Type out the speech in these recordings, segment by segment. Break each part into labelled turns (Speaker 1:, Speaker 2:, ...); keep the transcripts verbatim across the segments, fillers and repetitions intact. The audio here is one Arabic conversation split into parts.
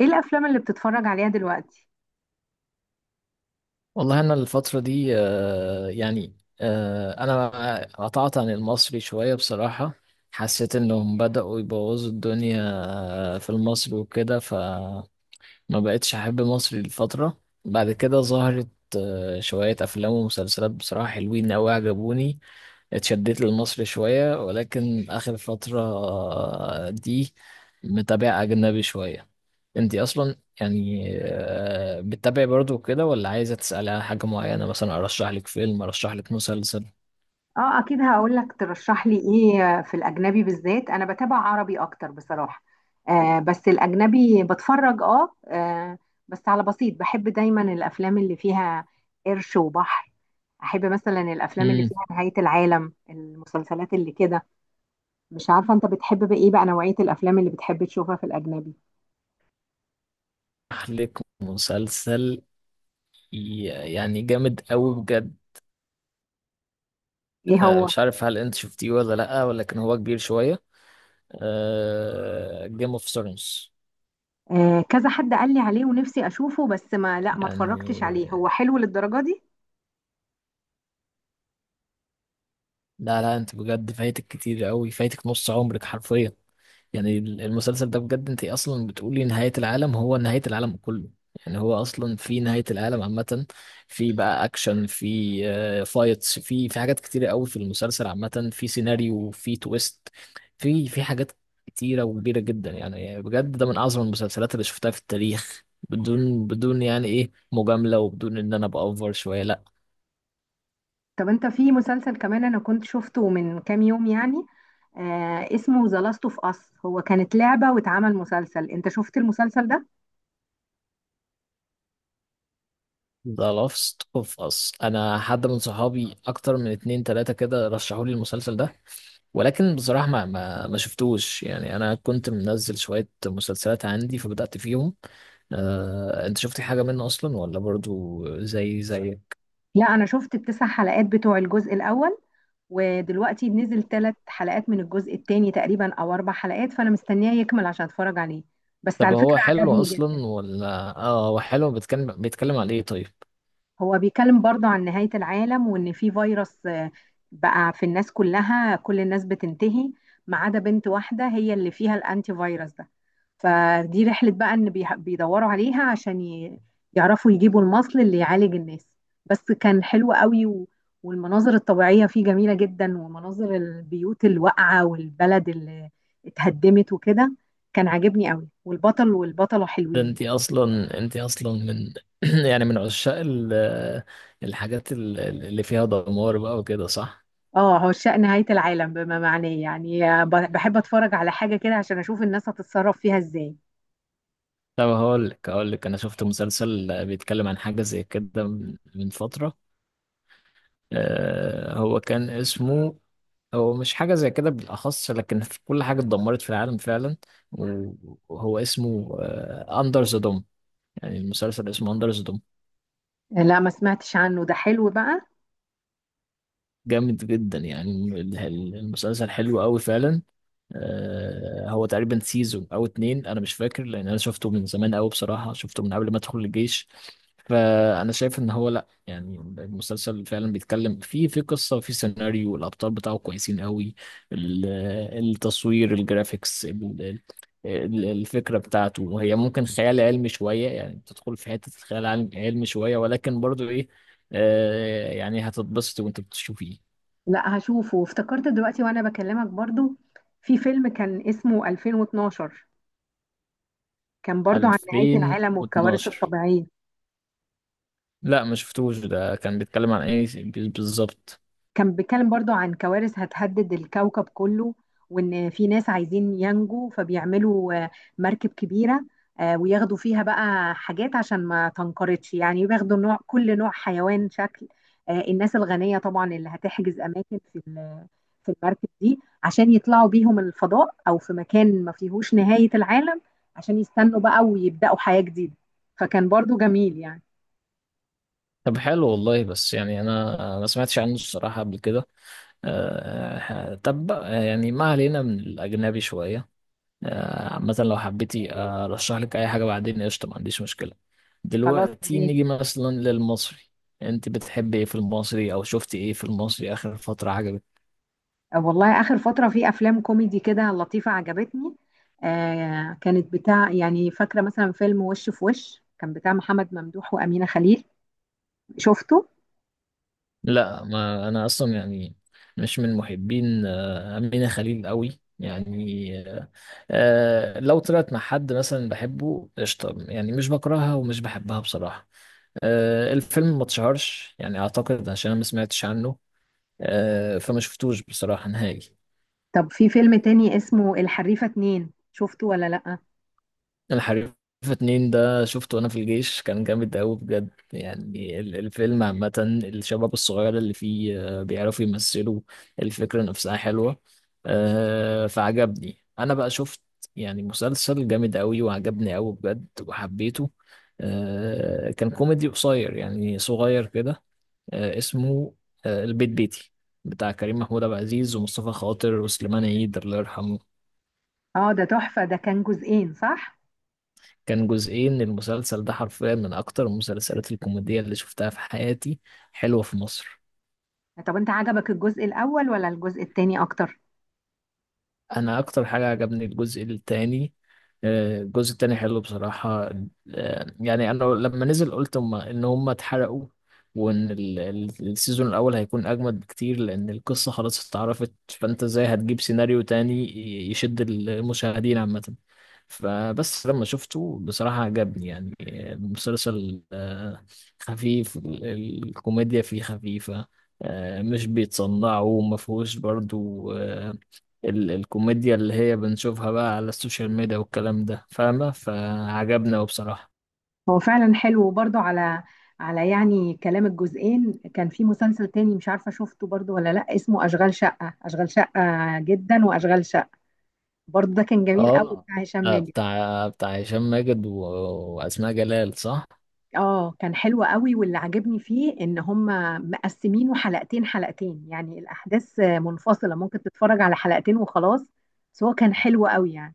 Speaker 1: ايه الافلام اللي بتتفرج عليها دلوقتي؟
Speaker 2: والله أنا الفترة دي آه، يعني آه، أنا قطعت عن المصري شوية بصراحة. حسيت إنهم بدأوا يبوظوا الدنيا آه، في المصري وكده، فما بقتش أحب مصري لفترة. بعد كده ظهرت آه، شوية أفلام ومسلسلات بصراحة حلوين أوي عجبوني. اتشدت للمصري شوية، ولكن آخر فترة آه، دي متابع أجنبي شوية. انت اصلا يعني آه، بتتابعي برضو كده ولا عايزه تسالي على حاجه معينه؟ مثلا ارشح لك فيلم، ارشح لك مسلسل.
Speaker 1: اه، اكيد هقول لك ترشح لي ايه في الاجنبي، بالذات انا بتابع عربي اكتر بصراحة. آه، بس الاجنبي بتفرج اه, آه بس على بسيط. بحب دايما الافلام اللي فيها قرش وبحر، احب مثلا الافلام اللي
Speaker 2: امم
Speaker 1: فيها نهاية العالم، المسلسلات اللي كده. مش عارفة انت بتحب بقى ايه بقى نوعية الافلام اللي بتحب تشوفها في الاجنبي؟
Speaker 2: ارشح لك مسلسل ي- يعني جامد قوي بجد.
Speaker 1: ايه
Speaker 2: آه،
Speaker 1: هو؟
Speaker 2: مش عارف هل انت شفتيه ولا لا، ولكن هو كبير شويه: جيم اوف ثرونز.
Speaker 1: آه، كذا حد قال لي عليه ونفسي اشوفه، بس ما لا ما
Speaker 2: يعني
Speaker 1: اتفرجتش عليه. هو حلو للدرجة دي؟
Speaker 2: لا لا، انت بجد فايتك كتير قوي، فايتك نص عمرك حرفيا. يعني ال- المسلسل ده بجد، انت اصلا بتقولي نهاية العالم، هو نهاية العالم كله. يعني هو اصلا في نهاية العالم عامة، في بقى اكشن، في آه، فايتس، في في حاجات كتيرة قوي في المسلسل عامة، في سيناريو، في تويست، في في حاجات كتيرة وكبيرة جدا. يعني بجد ده من اعظم المسلسلات اللي شفتها في التاريخ، بدون بدون يعني ايه مجاملة، وبدون ان انا بأوفر شوية لا.
Speaker 1: طب انت، في مسلسل كمان انا كنت شفته من كام يوم يعني، آه اسمه ذا لاست اوف اس، هو كانت لعبة واتعمل مسلسل، انت شفت المسلسل ده؟
Speaker 2: ذا لاست اوف اس، انا حد من صحابي اكتر من اتنين تلاتة كده رشحوا لي المسلسل ده، ولكن بصراحة ما ما, ما شفتوش. يعني انا كنت منزل شوية مسلسلات عندي فبدأت فيهم. آه، انت شفت حاجة منه اصلا ولا برضو زي زي؟
Speaker 1: لا، انا شفت التسع حلقات بتوع الجزء الاول، ودلوقتي نزل ثلاث حلقات من الجزء الثاني تقريبا او اربع حلقات، فانا مستنياه يكمل عشان اتفرج عليه. بس
Speaker 2: طب
Speaker 1: على
Speaker 2: هو
Speaker 1: فكرة
Speaker 2: حلو
Speaker 1: عجبني جدا.
Speaker 2: اصلا ولا؟ اه هو حلو، بيتكلم بيتكلم على ايه طيب؟
Speaker 1: هو بيتكلم برضه عن نهاية العالم، وإن في فيروس آه، بقى في الناس كلها، كل الناس بتنتهي ما عدا بنت واحدة هي اللي فيها الأنتي فيروس ده. فدي رحلة بقى إن بيح- بيدوروا عليها عشان ي- يعرفوا يجيبوا المصل اللي يعالج الناس. بس كان حلو قوي و... والمناظر الطبيعية فيه جميلة جدا، ومناظر البيوت الواقعة والبلد اللي اتهدمت وكده. كان عاجبني قوي، والبطل والبطلة
Speaker 2: ده
Speaker 1: حلوين
Speaker 2: انت
Speaker 1: يعني.
Speaker 2: اصلا، انت اصلا من يعني من عشاق ال- الحاجات ال- اللي فيها دمار بقى وكده، صح؟
Speaker 1: اه، عشاق نهاية العالم بما معناه، يعني ب- بحب اتفرج على حاجة كده عشان اشوف الناس هتتصرف فيها ازاي.
Speaker 2: طب هقول لك، هقول لك انا شفت مسلسل بيتكلم عن حاجه زي كده من من فتره. آه هو كان اسمه، هو مش حاجه زي كده بالاخص، لكن في كل حاجه اتدمرت في العالم فعلا، وهو اسمه اندر ذا دوم. يعني المسلسل اسمه اندر ذا دوم،
Speaker 1: لا ما سمعتش عنه، ده حلو بقى.
Speaker 2: جامد جدا. يعني ال- ال- المسلسل حلو قوي فعلا. آه، هو تقريبا سيزون او اتنين، انا مش فاكر، لان انا شفته من زمان قوي بصراحه، شفته من قبل ما ادخل الجيش. فانا شايف ان هو لا، يعني المسلسل فعلا بيتكلم، في في قصه، في سيناريو، الابطال بتاعه كويسين قوي، ال- التصوير الجرافيكس، ال- ال- الفكره بتاعته، وهي ممكن خيال علمي شويه، يعني بتدخل في حته خيال علم- علمي شويه، ولكن برضو ايه، آه يعني هتتبسط وانت بتشوفيه.
Speaker 1: لا هشوفه. افتكرت دلوقتي وانا بكلمك برضو في فيلم كان اسمه ألفين واتناشر، كان برضو عن نهاية العالم والكوارث
Speaker 2: ألفين واتناشر،
Speaker 1: الطبيعية.
Speaker 2: لا ما شفتوش. ده كان بيتكلم عن ايه بي- بالظبط؟
Speaker 1: كان بيتكلم برضو عن كوارث هتهدد الكوكب كله، وان في ناس عايزين ينجوا فبيعملوا آه، مركب كبيرة، آه، وياخدوا فيها بقى حاجات عشان ما تنقرضش، يعني بياخدوا نوع كل نوع حيوان شكل. آه، الناس الغنية طبعا اللي هتحجز أماكن في ال- في المركب دي عشان يطلعوا بيهم الفضاء، أو في مكان ما فيهوش نهاية العالم، عشان يستنوا بقى ويبدأوا حياة جديدة. فكان برضو جميل يعني.
Speaker 2: طب حلو والله، بس يعني انا ما سمعتش عنه الصراحة قبل كده. آه، طب بقى، يعني ما علينا من الاجنبي شوية. آه، مثلا لو حبيتي ارشح لك اي حاجة بعدين قشطة، ما عنديش مشكلة.
Speaker 1: خلاص
Speaker 2: دلوقتي
Speaker 1: يعني.
Speaker 2: نيجي مثلا للمصري، انت بتحبي ايه في المصري او شفتي ايه في المصري اخر فترة عجبك؟
Speaker 1: والله آخر فترة في أفلام كوميدي كده لطيفة عجبتني. آه، كانت بتاع يعني، فاكرة مثلا فيلم وش في وش كان بتاع محمد ممدوح وأمينة خليل، شفته؟
Speaker 2: لا، ما انا اصلا يعني مش من محبين آه، أمينة خليل قوي، يعني آه، آه، لو طلعت مع حد مثلا بحبه قشطة، يعني مش بكرهها ومش بحبها بصراحة. آه، الفيلم ما اتشهرش، يعني اعتقد عشان انا ما سمعتش عنه. آه، فما شفتوش بصراحة نهائي.
Speaker 1: طب في فيلم تاني اسمه الحريفة اتنين، شفته ولا لأ؟
Speaker 2: الحريفة اتنين ده شفته وانا في الجيش، كان جامد قوي بجد. يعني ال- الفيلم عامة، الشباب الصغير اللي فيه آه، بيعرفوا يمثلوا، الفكرة نفسها حلوة. آه، فعجبني. انا بقى شفت يعني مسلسل جامد قوي وعجبني قوي بجد وحبيته. آه، كان كوميدي قصير يعني صغير كده، آه، اسمه آه، البيت بيتي، بتاع كريم محمود عبد العزيز ومصطفى خاطر وسليمان عيد الله يرحمه.
Speaker 1: اه، ده تحفة، ده كان جزئين صح؟
Speaker 2: كان جزئين، المسلسل ده حرفيا من اكتر المسلسلات الكوميدية اللي شفتها في حياتي، حلوة في مصر.
Speaker 1: طب أنت عجبك الجزء الأول ولا الجزء التاني أكتر؟
Speaker 2: انا اكتر حاجه عجبني الجزء التاني، آه، الجزء التاني حلو بصراحه. آه، يعني انا لما نزل قلت هم ان هم اتحرقوا، وان ال- ال- السيزون الاول هيكون اجمد بكتير، لان القصه خلاص اتعرفت، فانت ازاي هتجيب سيناريو تاني ي- يشد المشاهدين عامه. فبس لما شفته بصراحه عجبني، يعني آه، المسلسل آه، خفيف، ال- ال- الكوميديا فيه خفيفه، آه، مش بيتصنعوا وما فيهوش برضو آه، ال الكوميديا اللي هي بنشوفها بقى على السوشيال ميديا والكلام ده، فاهمة، فعجبنا وبصراحة.
Speaker 1: هو فعلا حلو، وبرضه على على يعني كلام الجزئين، كان في مسلسل تاني مش عارفة شفته برضه ولا لأ، اسمه أشغال شقة، أشغال شقة جدا، وأشغال شقة برضه، ده كان جميل قوي
Speaker 2: اه،
Speaker 1: بتاع هشام
Speaker 2: آه
Speaker 1: ماجد.
Speaker 2: بتاع بتاع هشام ماجد و... وأسماء جلال، صح؟
Speaker 1: اه، كان حلو قوي، واللي عجبني فيه ان هم مقسمينه حلقتين حلقتين، يعني الاحداث منفصله، ممكن تتفرج على حلقتين وخلاص. بس هو كان حلو قوي يعني.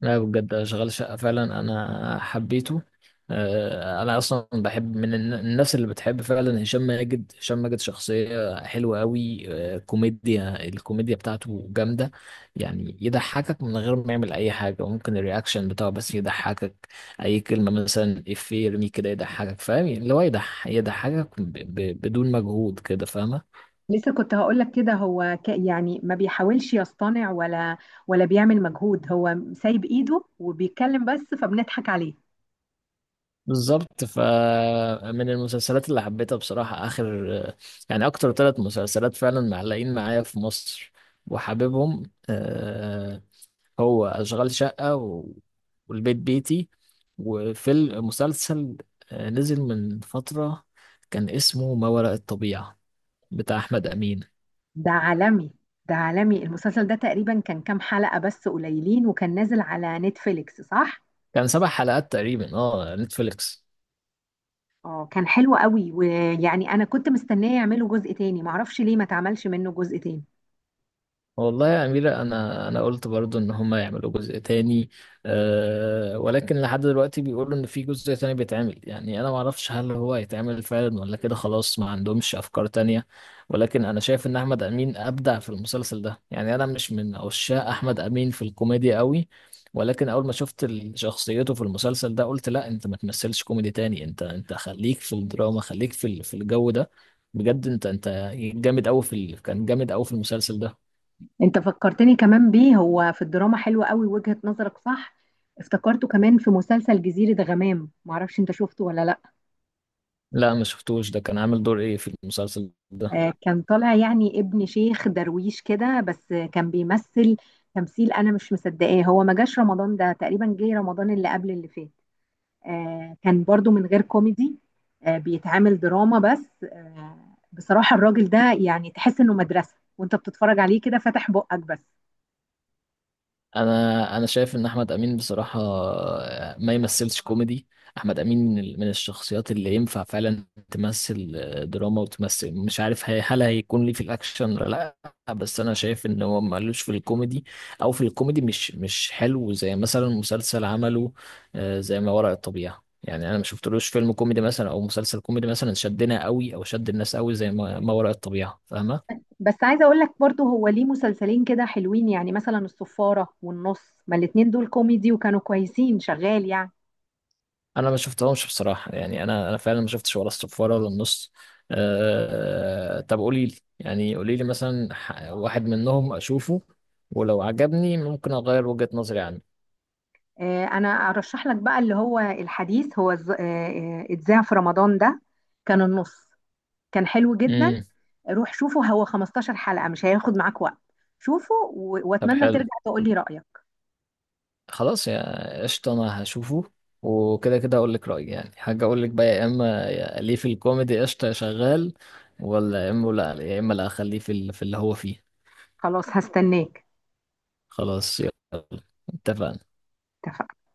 Speaker 2: لا بجد شغال شقة فعلا أنا حبيته. آه، أنا أصلا بحب من الن- الناس اللي بتحب فعلا هشام ماجد، هشام ماجد شخصية حلوة أوي. آه، كوميديا، الكوميديا بتاعته جامدة، يعني يضحكك من غير ما يعمل أي حاجة، وممكن الرياكشن بتاعه بس يضحكك. أي كلمة مثلا إفيه يرميه كده يضحكك، فاهم، يعني اللي هو يضح- يضحكك ب- ب- بدون مجهود كده، فاهمة.
Speaker 1: لسه كنت هقول لك كده، هو ك يعني ما بيحاولش يصطنع، ولا ولا بيعمل مجهود، هو سايب ايده وبيتكلم بس فبنضحك عليه.
Speaker 2: بالظبط، فمن المسلسلات اللي حبيتها بصراحة آخر، يعني أكتر ثلاث مسلسلات فعلا معلقين معايا في مصر وحاببهم، آه، هو أشغال شقة و- والبيت بيتي، وفي المسلسل آه، نزل من فترة كان اسمه ما وراء الطبيعة، بتاع أحمد أمين.
Speaker 1: ده عالمي، ده عالمي. المسلسل ده تقريبا كان كام حلقه بس، قليلين، وكان نازل على نتفليكس صح؟
Speaker 2: كان سبع حلقات تقريبا، اه، نتفليكس.
Speaker 1: اه، كان حلو قوي، ويعني انا كنت مستنيه يعملوا جزء تاني، معرفش ليه ما اتعملش منه جزء تاني.
Speaker 2: والله يا أميرة أنا أنا قلت برضو إن هما يعملوا جزء تاني، أه، ولكن لحد دلوقتي بيقولوا إن في جزء تاني بيتعمل، يعني أنا معرفش هل هو هيتعمل فعلا ولا كده خلاص ما عندهمش أفكار تانية. ولكن أنا شايف إن أحمد أمين أبدع في المسلسل ده، يعني أنا مش من عشاق أحمد أمين في الكوميديا قوي، ولكن أول ما شفت ال- شخصيته في المسلسل ده قلت لا، أنت ما تمثلش كوميدي تاني، أنت أنت خليك في الدراما، خليك في ال- في الجو ده، بجد أنت أنت جامد أوي في ال- كان جامد أوي في المسلسل ده.
Speaker 1: انت فكرتني كمان بيه، هو في الدراما حلو قوي، وجهة نظرك صح. افتكرته كمان في مسلسل جزيرة غمام، معرفش انت شفته ولا لا.
Speaker 2: لا ما شفتوش، ده كان عامل دور ايه في المسلسل ده؟
Speaker 1: آه، كان طالع يعني ابن شيخ درويش كده، بس كان بيمثل تمثيل انا مش مصدقاه. هو ما جاش رمضان ده، تقريبا جه رمضان اللي قبل اللي فات. آه، كان برضو من غير كوميدي، آه، بيتعامل دراما بس. آه، بصراحة الراجل ده يعني تحس انه مدرسة وانت بتتفرج عليه كده فاتح بقك بس.
Speaker 2: انا انا شايف ان احمد امين بصراحه آه، ما يمثلش كوميدي. احمد امين من ال- من الشخصيات اللي ينفع فعلا تمثل آه، دراما، وتمثل مش عارف هي- هل هيكون ليه في الاكشن ولا لا، بس انا شايف ان هو مالوش في الكوميدي، او في الكوميدي مش مش حلو زي مثلا مسلسل عمله آه، زي ما وراء الطبيعه. يعني انا ما شفتلوش فيلم كوميدي مثلا او مسلسل كوميدي مثلا شدنا قوي او شد الناس قوي زي ما ما وراء الطبيعه، فاهمه.
Speaker 1: بس عايزة اقول لك برضو، هو ليه مسلسلين كده حلوين يعني، مثلا الصفارة والنص، ما الاتنين دول كوميدي وكانوا كويسين شغال يعني.
Speaker 2: انا ما شفتهمش بصراحه، يعني انا انا فعلا ما شفتش ولا الصفاره ولا النص. أه طب قولي لي، يعني قولي لي مثلا ح- واحد منهم اشوفه، ولو عجبني ممكن اغير وجهه نظري عنه.
Speaker 1: آه، انا ارشح لك بقى اللي هو الحديث، هو ز- آه، آه، اتذاع في رمضان ده. كان النص كان حلو جدا.
Speaker 2: امم
Speaker 1: روح شوفه، هو 15 حلقة مش هياخد معاك وقت. شوفه و-
Speaker 2: طب
Speaker 1: واتمنى
Speaker 2: حلو،
Speaker 1: ترجع تقولي رأيك.
Speaker 2: خلاص يا قشطه انا هشوفه، وكده كده اقول لك رايي، يعني حاجه اقول لك بقى يا اما يا- ليه في الكوميدي قشطه يا شغال، ولا يا اما لا، يا اما لا اخليه في ال- في اللي هو فيه.
Speaker 1: خلاص هستناك.
Speaker 2: خلاص يلا، اتفقنا.
Speaker 1: اتفقنا.